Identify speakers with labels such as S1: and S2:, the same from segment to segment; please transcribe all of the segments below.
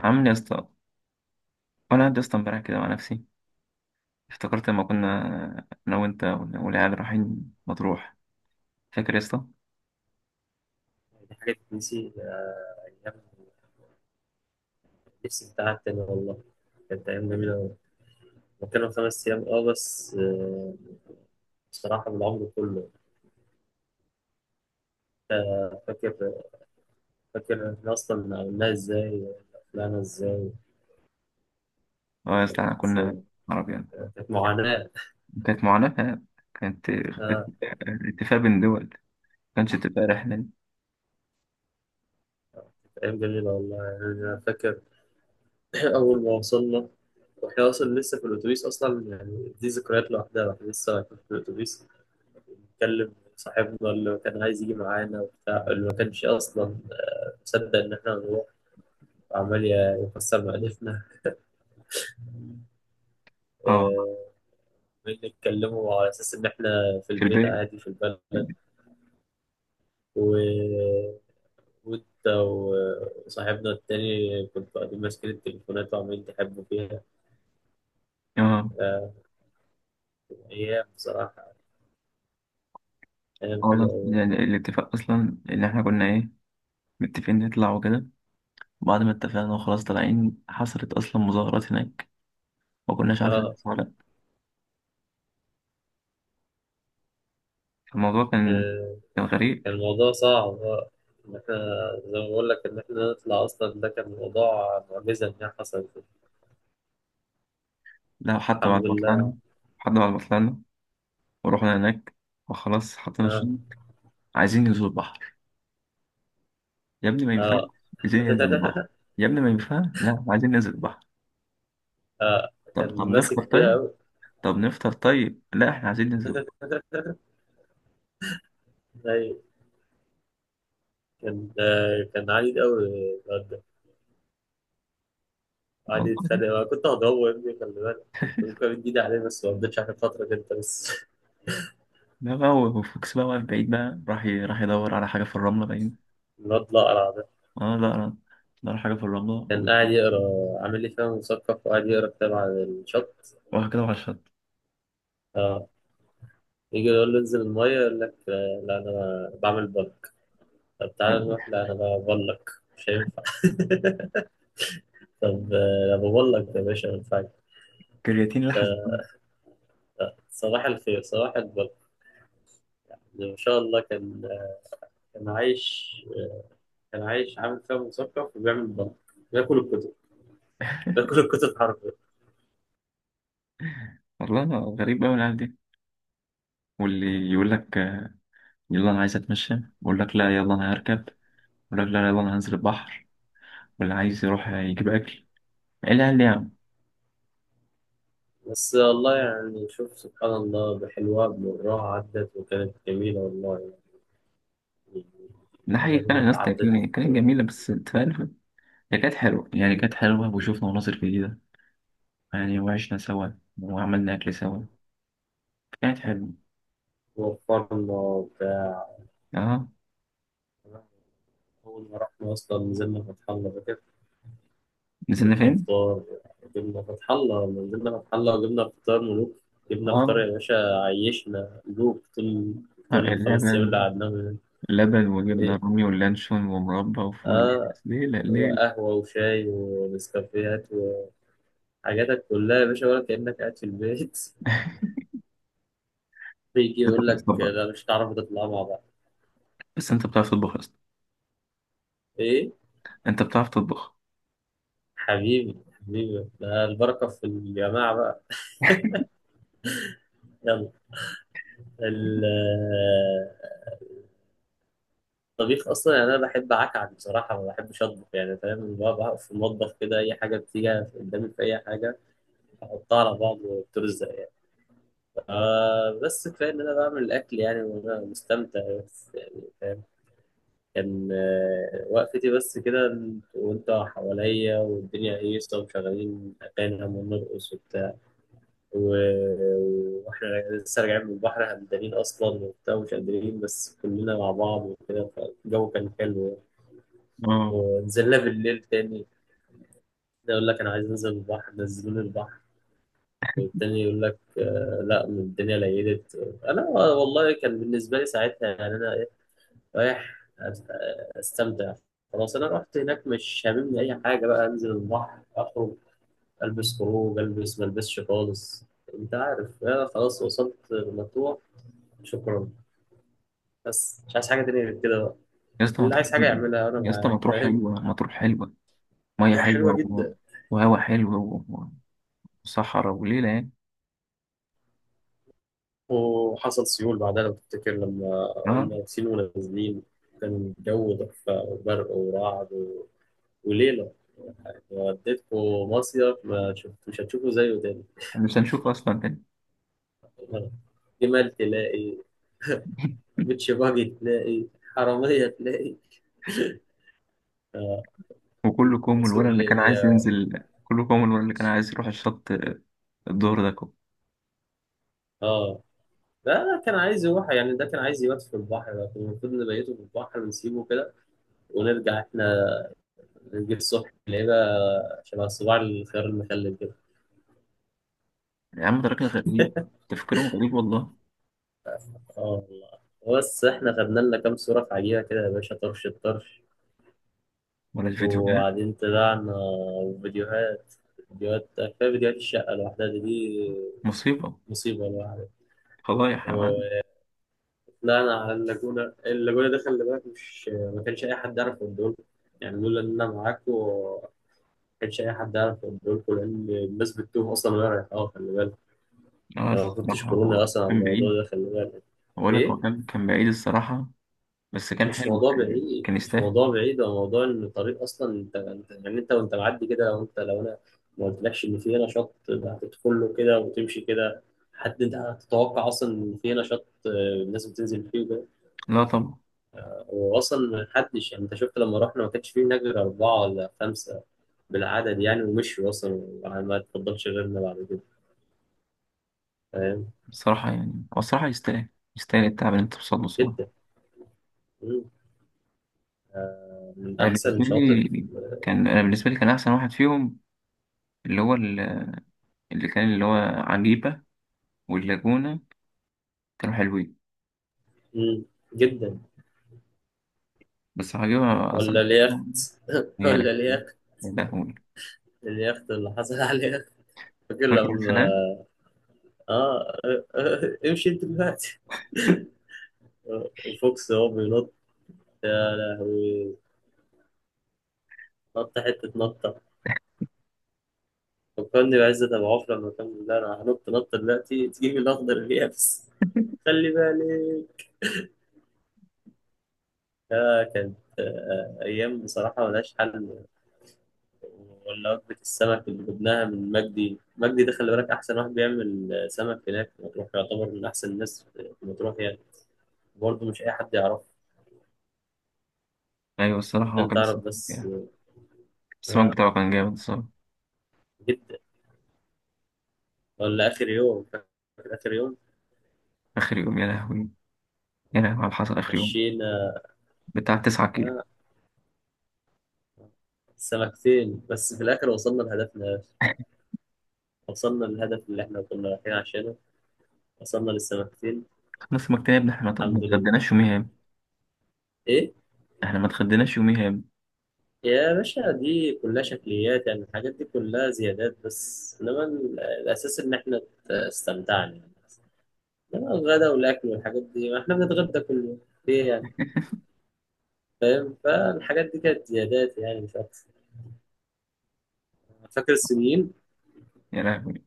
S1: عامل يا اسطى. وانا قاعد يا اسطى امبارح كده مع نفسي افتكرت لما كنا انا وانت والعيال رايحين مطروح. فاكر يا اسطى؟
S2: دي حاجة تتنسي؟ أيام نفسي بتاعها تاني، والله. كانت أيام جميلة أوي. هو كانوا 5 أيام بس، بصراحة بالعمر كله. آه، فاكر فاكر إحنا أصلا عملناها إزاي، طلعنا إزاي
S1: اه يا اسطى احنا
S2: بس،
S1: كنا عربيان.
S2: كانت معاناة.
S1: كانت معاناة. كانت
S2: آه.
S1: اتفاق بين دول، ما كانش اتفاق رحلة.
S2: كانت أيام جميلة، والله يعني. أنا فاكر. أول ما وصلنا وإحنا أصلا لسه في الأتوبيس، أصلا يعني دي ذكريات لوحدها. إحنا لسه رايحين في الأتوبيس، بنتكلم صاحبنا اللي كان عايز يجي معانا وبتاع، اللي ما كانش أصلا تصدق إن إحنا نروح. عمال يكسر مألفنا.
S1: اه
S2: آه، عمال نتكلموا على أساس إن إحنا في
S1: في
S2: البيت
S1: البيت.
S2: عادي في البلد، و... وأنت وصاحبنا التاني كنت قاعدين ماسكين التليفونات وعمالين تحبوا فيها.
S1: اه.
S2: آه، أيام بصراحة، أيام
S1: اه والله
S2: حلوة أوي.
S1: يعني الاتفاق اصلا ان احنا كنا ايه، متفقين نطلع وكده. بعد ما اتفقنا وخلاص طالعين حصلت اصلا مظاهرات هناك، ما كناش عارفين
S2: آه.
S1: نطلع ولا لأ. فالموضوع كان
S2: آه،
S1: كان غريب.
S2: كان الموضوع صعب، إن إحنا زي ما بقول لك إن إحنا نطلع أصلا، ده كان موضوع معجزة إن هي حصلت.
S1: لا حتى
S2: الحمد
S1: بعد ما طلعنا،
S2: لله.
S1: حتى بعد ما طلعنا ورحنا هناك وخلاص حطينا الشنط،
S2: آه.
S1: عايزين ننزل البحر. يا ابني ما ينفعش.
S2: آه.
S1: عايزين ننزل البحر. يا ابني ما ينفعش، لا عايزين ننزل البحر.
S2: آه،
S1: طب طب
S2: كان
S1: نفطر
S2: ماسك فيها
S1: طيب.
S2: أوي.
S1: طب نفطر طيب، لا احنا عايزين ننزل البحر.
S2: أيوة. كان كان عنيد قوي، الواد ده. قعد
S1: والله
S2: يتخانق. أنا كنت هضربه يا ابني، خلي بالك، كنت ممكن أمد إيدي عليه، بس ما قضيتش عشان خاطرك أنت بس.
S1: ده بقى هو فوكس بقى واقف بعيد بقى، راح راح يدور على حاجة في الرملة باين.
S2: الواد الأقرع ده
S1: اه، لا لا، دور على حاجة في الرملة
S2: كان قاعد يقرا، عامل لي فيها مثقف وقاعد يقرا كتاب على الشط.
S1: وراح كده على الشط.
S2: اه. يجي يقول له انزل المية، يقول لك لا أنا بعمل بلك. طب تعالى نروح، لا أنا ببلك. مش هينفع. طب أنا ببلك يا باشا، ما ينفعش.
S1: كرياتين لحس
S2: آه،
S1: الدم.
S2: صباح الخير، صباح البلك. ما شاء الله. كان كان عايش كان عايش عامل فيها مثقف وبيعمل مغامرة. بياكل الكتب. بياكل الكتب حرفيا.
S1: والله غريب أوي العيال دي. واللي يقول لك يلا أنا عايز أتمشى، يقول لك لا يلا أنا هركب الراجل، لا يلا انا هنزل البحر. واللي عايز يروح يجيب اكل، لا لا.
S2: بس والله يعني، شوف سبحان الله، بحلوها بمرها عدت وكانت جميلة، والله يعني.
S1: ده
S2: الأيام
S1: حقيقي كان
S2: اللي
S1: الناس
S2: عدت.
S1: تاكلني، كانت جميله بس انت فاهم. هي كانت حلوه يعني، كانت حلوه وشفنا مناظر جديده يعني، وعشنا سوا وعملنا اكل سوا. كانت حلوه.
S2: وفرنا وبتاع.
S1: اه
S2: أول ما رحنا أصلا نزلنا فتح الله، فاكر؟
S1: نزلنا
S2: جبنا
S1: فين؟
S2: فطار. جبنا فتح الله، نزلنا فتح الله وجبنا فطار ملوك. جبنا فطار
S1: اه.
S2: يا باشا. عيشنا ملوك، طول،
S1: آه،
S2: طول الخمس أيام اللي
S1: اللبن.
S2: قعدناهم هناك.
S1: اللبن وجبنا
S2: إيه.
S1: رومي واللانشون ومربى وفول
S2: آه.
S1: ليلة ليلة.
S2: وقهوة وشاي ونسكافيهات وحاجاتك كلها يا باشا، ولا كأنك قاعد في البيت. بيجي
S1: انت
S2: يقول لك
S1: بتطبخ بقى.
S2: لا، مش هتعرفوا تطلعوا مع بعض.
S1: بس انت بتعرف تطبخ يا اسطى؟
S2: إيه.
S1: انت بتعرف تطبخ؟
S2: حبيبي، حبيبي، ده البركة في الجماعة بقى. يلا. ال- الطبيخ أصلا، يعني أنا بحب أعكعك بصراحة، ما بحبش أطبخ يعني، فاهم بقى. بقف في المطبخ كده، أي حاجة بتيجي قدامي في أي حاجة أحطها على بعض وبترزق يعني. آه. بس كفاية إن أنا بعمل الأكل يعني، وأنا مستمتع بس يعني. كان وقفتي بس كده، وانت حواليا، والدنيا هيصة، ومشغلين أغاني ونرقص وبتاع. وإحنا لسه راجعين من البحر، همدانين أصلا وبتاع ومش قادرين، بس كلنا مع بعض وكده، فالجو كان حلو يعني.
S1: اه
S2: ونزلنا بالليل تاني. ده يقول لك أنا عايز أنزل البحر، نزلوني البحر. والتاني يقول لك لا، الدنيا ليلت. أنا والله كان بالنسبة لي ساعتها يعني، أنا رايح استمتع. خلاص، انا رحت هناك، مش هاممني اي حاجه بقى. انزل البحر، اخرج، البس خروج، البس، ما البسش خالص. انت عارف انا خلاص وصلت مطروح، شكرا. بس مش عايز حاجه تانية غير كده بقى.
S1: يا اسطى ما
S2: اللي
S1: تروح.
S2: عايز حاجه يعملها، انا
S1: يا اسطى ما
S2: معاه،
S1: تروح
S2: فاهم.
S1: حلوه، ما تروح حلوه. مية
S2: حلوه
S1: حلوة و،
S2: جدا.
S1: وهوا حلو و، وصحراء وليلة يعني.
S2: وحصل سيول بعدها، لو تفتكر، لما
S1: اه
S2: قلنا واقفين ونازلين. كان الجو تحفه، وبرق ورعد وليله. وديتكم مصيف ما شفت، مش هتشوفوا زيه تاني.
S1: احنا مش هنشوف أصلا تاني.
S2: جمال تلاقي، بيتش باجي تلاقي، حرامية تلاقي. اه.
S1: وكله كوم
S2: سوق
S1: الولد اللي كان عايز
S2: الليبيا.
S1: ينزل، كله كوم الولد اللي كان عايز يروح الشط، الظهر ده كوم.
S2: اه. لا لا، كان عايز يروح يعني، ده كان عايز يبات في البحر، لكن المفروض نبيته في البحر ونسيبه كده، ونرجع احنا، نجيب الصبح نلاقيه بقى شبه صباع الخيار المخلل كده.
S1: يا عم ده راجل غريب، تفكيرهم غريب والله.
S2: اه والله. بس احنا خدنا لنا كام صورة في عجيبة كده يا باشا، طرش الطرش.
S1: ولا الفيديو ده
S2: وبعدين طلعنا. وفيديوهات. فيديوهات كفاية، فيديوهات الشقة لوحدها دي
S1: مصيبة،
S2: مصيبة لوحدها.
S1: فضايح يا معلم.
S2: لا، انا على اللاجونه. اللاجونه ده خلي بالك، مش ما كانش اي حد يعرف الدول. يعني لولا ان انا معاكم ما كانش اي حد يعرف الدول، لان الناس بتتوه اصلا وهي رايحه. اه، خلي بالك.
S1: اه
S2: انا ما كنتش
S1: الصراحة هو
S2: كورونا اصلا على
S1: كان
S2: الموضوع
S1: بعيد،
S2: ده، خلي بالك.
S1: بقول لك
S2: ايه.
S1: هو كان كان بعيد الصراحة، بس كان
S2: مش
S1: حلو،
S2: موضوع
S1: كان
S2: بعيد،
S1: كان
S2: مش
S1: يستاهل.
S2: موضوع بعيد، هو موضوع ان الطريق اصلا، يعني انت وانت معدي كده، لو انت، لو انا ما قلتلكش ان في هنا شط، ده هتدخل له كده وتمشي كده. حد انت هتتوقع اصلا ان في هنا شط؟ الناس بتنزل فيه.
S1: لا طبعا.
S2: واصلا ما حدش، يعني انت شفت لما رحنا، ما كانش فيه هناك غير اربعه ولا خمسه بالعدد يعني. ومشوا اصلا، وما تفضلش غيرنا بعد كده، فاهم.
S1: الصراحة يعني هو الصراحة يستاهل، يستاهل التعب اللي انت بتوصله.
S2: جدا. مم. من
S1: انا
S2: احسن
S1: بالنسبه
S2: شاطئ.
S1: لي كان، انا بالنسبه لي كان احسن واحد فيهم، اللي هو ال- اللي كان اللي هو عجيبه واللاجونه، كانوا حلوين.
S2: مم. جدا.
S1: بس عجيبه
S2: ولا
S1: اصلا.
S2: اليخت.
S1: يا
S2: ولا
S1: لهوي
S2: اليخت.
S1: يا لهوي،
S2: اليخت اللي حصل عليه، فاكر
S1: فاكر
S2: لما؟
S1: الخناقه؟
S2: اه. امشي انت دلوقتي، وفوكس هو بينط. يا لهوي. نط حته نط. فكرني بعزت أبو عوف لما كان بيقول أنا هنط نط دلوقتي، تجيب الأخضر اليابس. خلي بالك. آه، كانت، آه، أيام بصراحة ملهاش حل. ولا وجبة السمك اللي جبناها من مجدي. مجدي ده خلي بالك أحسن واحد بيعمل سمك هناك في مطروح، يعتبر من أحسن الناس في مطروح يعني. برضه مش أي حد يعرفه.
S1: ايوه الصراحه هو
S2: أنت
S1: كان
S2: تعرف
S1: السمك
S2: بس.
S1: يعني، السمك
S2: آه.
S1: بتاعه كان جامد الصراحه.
S2: جدا. ولا آخر يوم، فاكر؟ آخر يوم.
S1: اخر يوم، يا لهوي يا لهوي على اللي حصل اخر يوم،
S2: مشينا.
S1: بتاع 9 كيلو.
S2: آه. سمكتين بس في الآخر، وصلنا لهدفنا. وصلنا للهدف اللي إحنا كنا رايحين عشانه. وصلنا للسمكتين.
S1: خلص السمك تاني يا ابني، احنا ما
S2: الحمد لله.
S1: اتغديناش يوميها يا ابني.
S2: ايه.
S1: احنا ما اتغديناش يوميها يا ابني.
S2: يا باشا، دي كلها شكليات يعني، الحاجات دي كلها زيادات، بس انما الاساس ان احنا استمتعنا يعني. انما الغدا والاكل والحاجات دي، ما احنا بنتغدى كل يوم ليه يعني. فاهم. فالحاجات دي كانت زيادات يعني، مش اكتر. فاكر الصينيين؟
S1: يا لهوي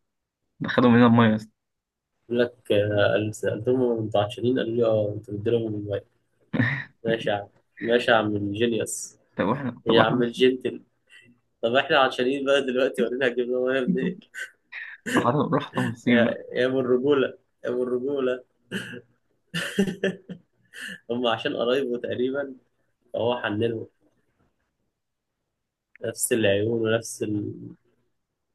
S1: ده خدوا مننا الميه يا اسطى.
S2: يقول لك سالتهم هم متعشرين، قالوا لي اه. انتوا بتديلهم الموبايل؟ ماشي يا عم. ماشي يا عم الجينيوس.
S1: طب واحنا، طب
S2: يا عم
S1: واحنا.
S2: الجنتل. طب احنا عطشانين بقى دلوقتي، ورينا هتجيب لهم إيه يا ابني.
S1: راح راح الصين بقى.
S2: يا ابو الرجوله، يا ابو الرجوله. هم عشان قرايبه تقريبا، فهو حنلهم نفس العيون ونفس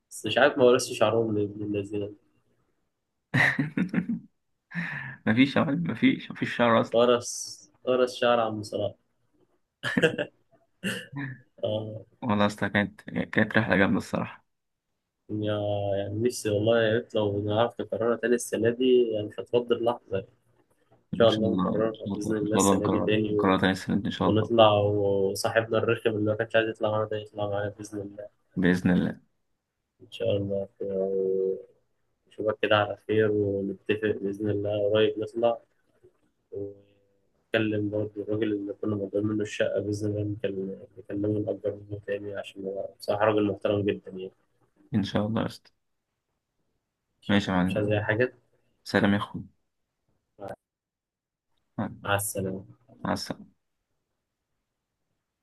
S2: بس مش عارف ما ورثش شعرهم لابن الذين.
S1: مفيش يا معلم، مفيش مفيش شهر أصلا.
S2: ورث. ورث شعر عم صلاح. اه.
S1: والله أصلا كانت كانت رحلة جامدة الصراحة.
S2: يا يعني نفسي والله، يا ريت لو نعرف نكررها تاني السنة دي يعني، مش هتفضل لحظة. إن
S1: إن
S2: شاء
S1: شاء
S2: الله
S1: الله إن
S2: نكررها
S1: شاء
S2: بإذن
S1: الله إن
S2: الله
S1: شاء الله
S2: السنة دي
S1: نكرر،
S2: تاني،
S1: نكررها تاني السنة دي إن شاء الله.
S2: ونطلع، وصاحبنا الرخم اللي ما كانش عايز يطلع معانا ده، يطلع معانا بإذن الله.
S1: بإذن الله.
S2: إن شاء الله. أشوفك كده على خير، ونتفق بإذن الله قريب نطلع، ونتكلم برضه الراجل اللي كنا مضيين منه الشقة، بإذن الله نكلمه، نقدر منه تاني، عشان هو بصراحة راجل محترم جدا يعني.
S1: إن شاء الله يا أسطى. ماشي يا
S2: مش عايز
S1: معلم.
S2: أي حاجة.
S1: سلام يا أخوي.
S2: مع.
S1: مع.
S2: مع السلامة.
S1: مع السلامة.